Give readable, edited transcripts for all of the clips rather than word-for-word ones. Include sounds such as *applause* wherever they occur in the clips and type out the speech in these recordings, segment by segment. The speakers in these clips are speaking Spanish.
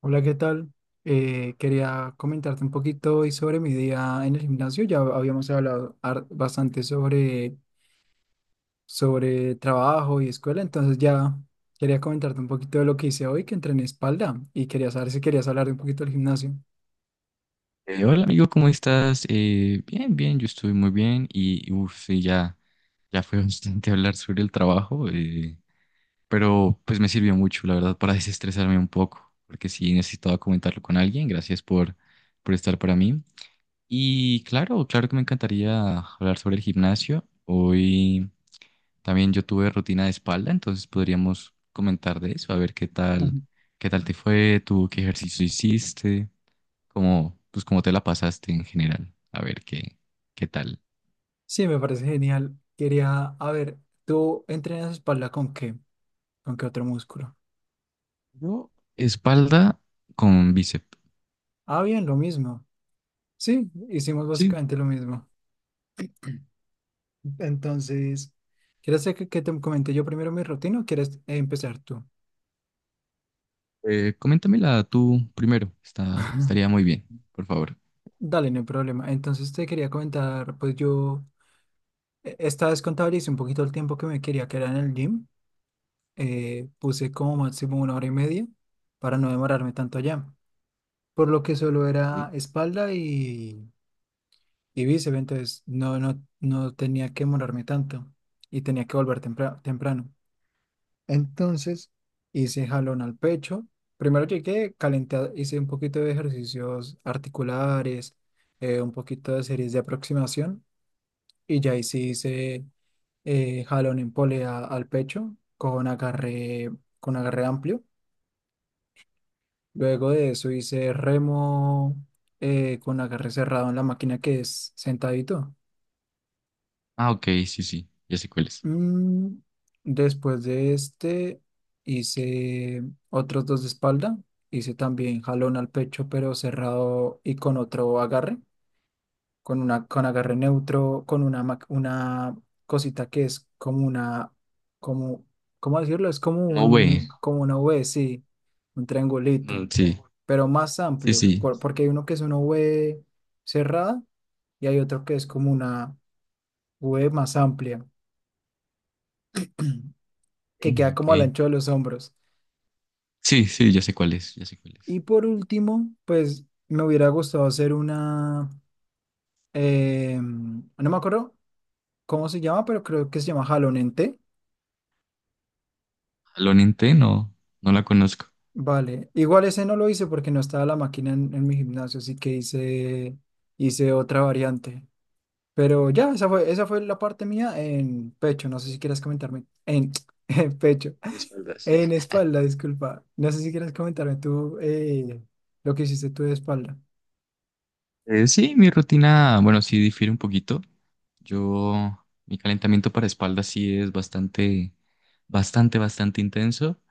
Hola, ¿qué tal? Quería comentarte un poquito hoy sobre mi día en el gimnasio. Ya habíamos hablado bastante sobre trabajo y escuela, entonces ya quería comentarte un poquito de lo que hice hoy, que entrené espalda y quería saber si querías hablar un poquito del gimnasio. Hola amigo, ¿cómo estás? Bien, bien, yo estoy muy bien y uff, sí, ya, ya fue *laughs* bastante hablar sobre el trabajo, pero pues me sirvió mucho, la verdad, para desestresarme un poco, porque sí necesitaba comentarlo con alguien, gracias por estar para mí. Y claro, claro que me encantaría hablar sobre el gimnasio. Hoy también yo tuve rutina de espalda, entonces podríamos comentar de eso, a ver Ujú. qué tal te fue, tú, qué ejercicio hiciste como, pues cómo te la pasaste en general. A ver qué tal. Sí, me parece genial. Quería, a ver, ¿tú entrenas espalda con qué? ¿Con qué otro músculo? Yo, espalda con bíceps. Ah, bien, lo mismo. Sí, hicimos Sí, básicamente lo mismo. Entonces, ¿quieres que te comente yo primero mi rutina o quieres empezar tú? Coméntamela tú primero. Estaría *laughs* muy bien, por favor. Dale, no hay problema. Entonces te quería comentar, pues yo esta vez contabilicé un poquito el tiempo que me quería quedar en el gym. Puse como máximo una hora y media para no demorarme tanto allá. Por lo que solo Sí. era espalda y bíceps, entonces no, no, no tenía que demorarme tanto y tenía que volver temprano. Entonces hice jalón al pecho. Primero llegué, calenté, hice un poquito de ejercicios articulares, un poquito de series de aproximación y ya ahí sí hice jalón en polea al pecho con con agarre amplio. Luego de eso hice remo con agarre cerrado en la máquina que es sentadito. Ah, ok, sí, sí, ya sé cuál es. Mm, Después de este, hice otros dos de espalda. Hice también jalón al pecho, pero cerrado y con otro agarre, con agarre neutro, una cosita que es como una, como, ¿cómo decirlo? Es No, güey. Como una V, sí, un Mm, triangulito, sí, pero más sí, amplio, sí. Porque hay uno que es una V cerrada y hay otro que es como una V más amplia, que Sí, queda ok. como al ancho de los hombros. Sí, sí, ya sé cuál es, ya sé cuál es. Y por último, pues me hubiera gustado hacer una, no me acuerdo cómo se llama, pero creo que se llama jalón en té. Jalón en T, no, no la conozco. Vale, igual ese no lo hice porque no estaba la máquina en mi gimnasio, así que hice otra variante. Pero ya, esa fue la parte mía en pecho, no sé si quieras comentarme, en, *laughs* *tsk* en pecho, Por espaldas. en espalda, disculpa. No sé si quieras comentarme tú lo que hiciste tú de espalda. Sí, mi rutina, bueno, sí difiere un poquito. Yo, mi calentamiento para espalda sí es bastante, bastante, bastante intenso.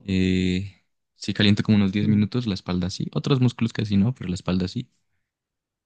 Eh, sí caliento como unos diez Ujú. minutos la espalda sí. Otros músculos casi no, pero la espalda sí.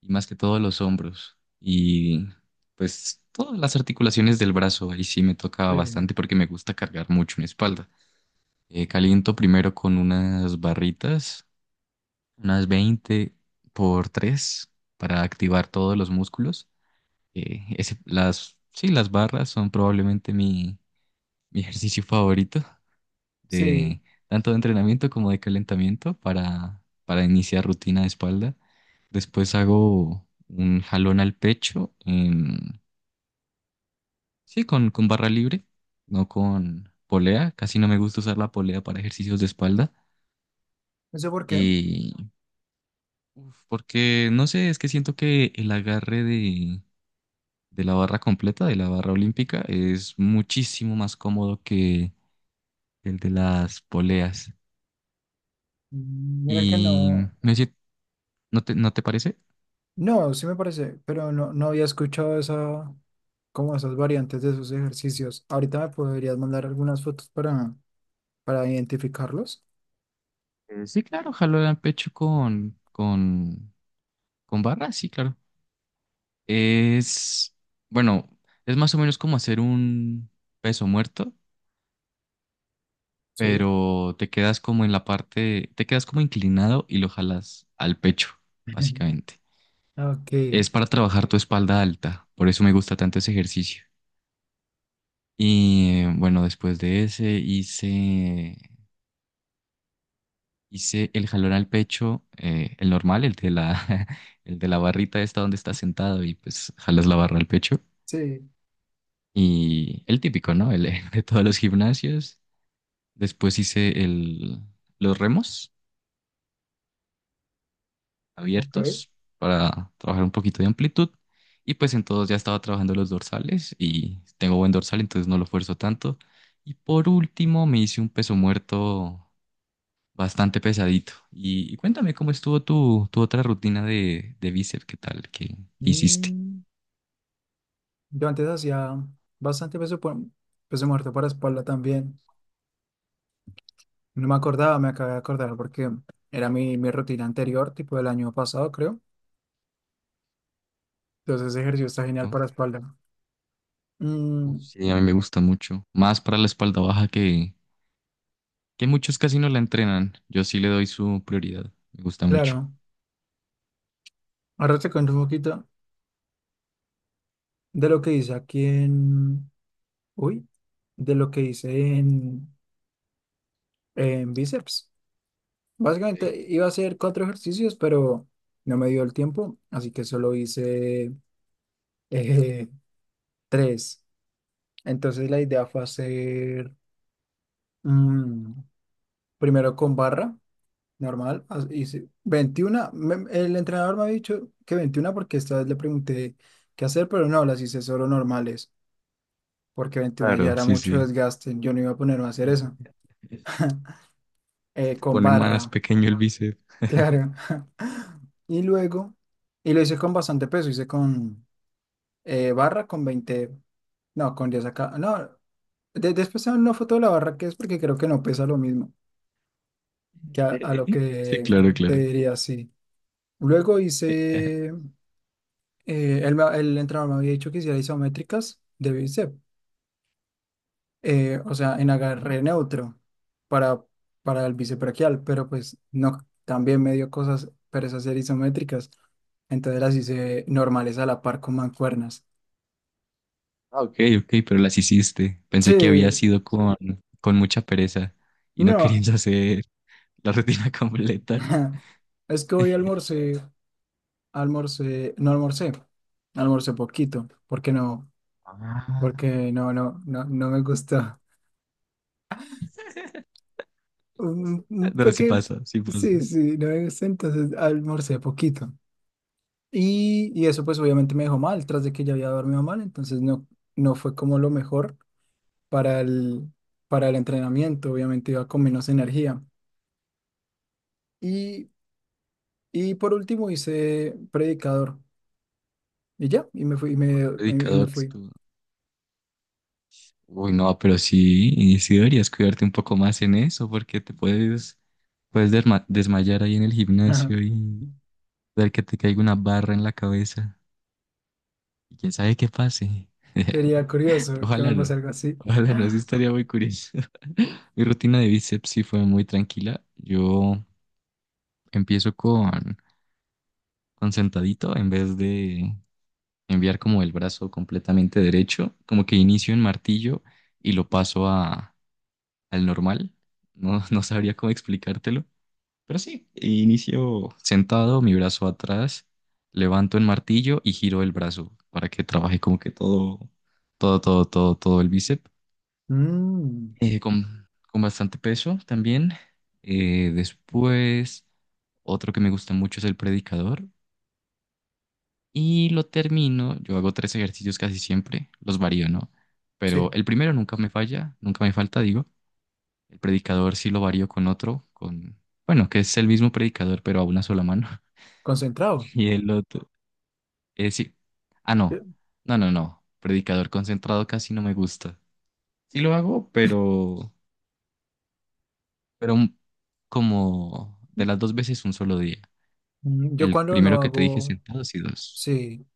Y más que todo los hombros. Y pues todas las articulaciones del brazo. Ahí sí me toca Sí. bastante porque me gusta cargar mucho mi espalda. Caliento primero con unas barritas, unas 20 por 3 para activar todos los músculos. Las, sí, las barras son probablemente mi, *laughs* ejercicio favorito Sí, de tanto de entrenamiento como de calentamiento para iniciar rutina de espalda. Después hago un jalón al pecho sí, con barra libre, no con polea. Casi no me gusta usar la polea para ejercicios de espalda. no sé por qué. Y uf, porque no sé, es que siento que el agarre de la barra completa, de la barra olímpica, es muchísimo más cómodo el de las poleas. Mm, mira que Y no. me decía, ¿no te parece? No, sí me parece, pero no, no había escuchado esa, como esas variantes de esos ejercicios. Ahorita me podrías mandar algunas fotos para identificarlos. Sí, claro, jalo el pecho con barra, sí, claro. Es, bueno, es más o menos como hacer un peso muerto, Sí. pero te quedas como en la parte, te quedas como inclinado y lo jalas al pecho, *laughs* básicamente. Ok, Es para trabajar tu espalda alta, por eso me gusta tanto ese ejercicio. Y bueno, después de ese hice el jalón al pecho, el normal, *laughs* el de la barrita esta donde estás sentado y pues jalas la barra al pecho. sí, Y el típico, ¿no? El *laughs* de todos los gimnasios. Después hice los remos ok. abiertos para trabajar un poquito de amplitud. Y pues en todos ya estaba trabajando los dorsales y tengo buen dorsal, entonces no lo esfuerzo tanto. Y por último me hice un peso muerto bastante pesadito. Y cuéntame cómo estuvo tu, otra rutina de bíceps, ¿qué tal? ¿Qué hiciste? Mm, yo antes hacía bastante peso, peso muerto para espalda también. No me acordaba, me acabé de acordar porque era mi rutina anterior, tipo del año pasado, creo. Entonces ese ejercicio está genial ¿No? para espalda. Uf, Mm, sí, a mí me gusta mucho. Más para la espalda baja que muchos casi no la entrenan. Yo sí le doy su prioridad. Me gusta mucho. claro, ahora te cuento un poquito. De lo que dice aquí uy, de lo que hice en, en bíceps. Ok. Básicamente iba a hacer cuatro ejercicios, pero no me dio el tiempo, así que solo hice eh, *laughs* tres. Entonces la idea fue hacer mm, primero con barra normal, hice 21 el entrenador me había dicho que 21 porque esta vez le pregunté qué hacer, pero no, las hice solo normales, porque 21 ya Claro, era sí, mucho sí. desgaste, yo no iba a ponerme a hacer eso. *laughs* Se te con pone más barra, pequeño el bíceps. claro. *laughs* Y luego, y lo hice con bastante peso, hice con barra, con 20, no, con 10 acá. No, después te mando una foto de la barra que es porque creo que no pesa lo mismo que a lo *laughs* Sí, que claro, te claro. diría sí. Luego *laughs* hice, entrenador me había dicho que hiciera isométricas de bíceps. O sea, en Ok. agarré neutro para, para el bisebraquial, pero pues no, también me dio cosas, pero esas eran isométricas, entonces las hice normales a la par con mancuernas. Ah, ok, ok, pero las hiciste. Sí, Pensé que había sido con mucha pereza y no no, querías hacer la rutina *laughs* completa. *laughs* es que hoy almorcé, no almorcé, almorcé poquito, porque no, Ah. No, no, no me gusta. Un No, sí pequeño, pasa, sí pasa. sí, sí, no me gusta, entonces almorcé poquito. Y eso pues obviamente me dejó mal, tras de que ya había dormido mal, entonces no, no fue como lo mejor para el, para el entrenamiento, obviamente iba con menos energía. Y, y por último hice predicador y ya, y me fui, y me Predicador, que fui. tú- Uy, no, pero sí, y sí deberías cuidarte un poco más en eso, porque te puedes desmayar ahí en el Ajá. gimnasio y ver que te caiga una barra en la cabeza. Y quién sabe qué pase. Sería *laughs* Pero curioso que ojalá me pase no. algo así. Ojalá no, sí estaría muy curioso. *laughs* Mi rutina de bíceps sí fue muy tranquila. Yo empiezo con sentadito en vez de, enviar como el brazo completamente derecho, como que inicio en martillo y lo paso al normal. No, *laughs* no sabría cómo explicártelo, pero sí, inicio sentado, mi brazo atrás, levanto en martillo y giro el brazo para que trabaje como que todo, todo, todo, todo, todo el bíceps, Mm, con bastante peso también. Después, otro que me gusta mucho es el predicador. Y lo termino, yo hago tres ejercicios casi siempre, los varío, ¿no? sí, Pero el primero nunca me falla, nunca me falta, digo. El predicador sí lo varío con otro, bueno, que es el mismo predicador, pero a una sola mano. *laughs* concentrado. Y el otro, es sí. Ah, Yo, no, no, no, no. Predicador concentrado casi no me gusta. Sí lo hago, pero como de las dos veces un solo día. Yo El cuando no primero que te dije hago, sentados y dos. sí,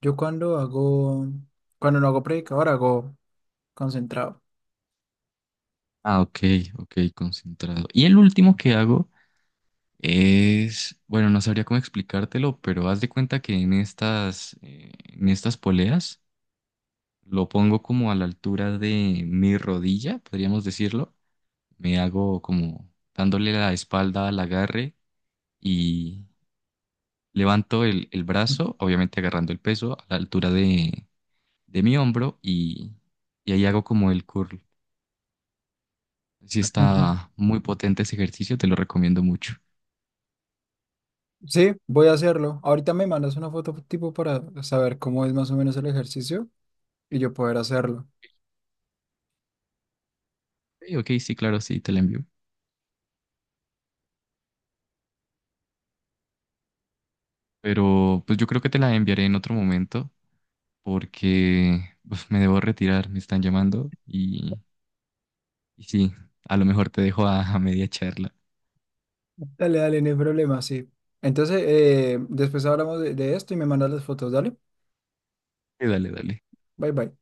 yo cuando no hago predicador hago concentrado. Ah, ok, ok, concentrado. Y el último que hago. Bueno, no sabría cómo explicártelo, pero haz de cuenta que en estas poleas lo pongo como a la altura de mi rodilla, podríamos decirlo. Me hago como dándole la espalda al agarre y levanto el brazo, obviamente agarrando el peso a la altura de mi hombro y ahí hago como el curl. Sí *laughs* está muy potente ese ejercicio, te lo recomiendo mucho. Sí, voy a hacerlo. Ahorita me mandas una foto tipo para saber cómo es más o menos el ejercicio y yo poder hacerlo. Ok, ok, sí, claro, sí, te lo envío. Pero pues yo creo que te la enviaré en otro momento porque pues, me debo retirar, me están llamando y sí, a lo mejor te dejo a media charla. Dale, dale, no hay problema, sí. Entonces, después hablamos de esto y me mandas las fotos, dale. Dale, dale. Bye, bye.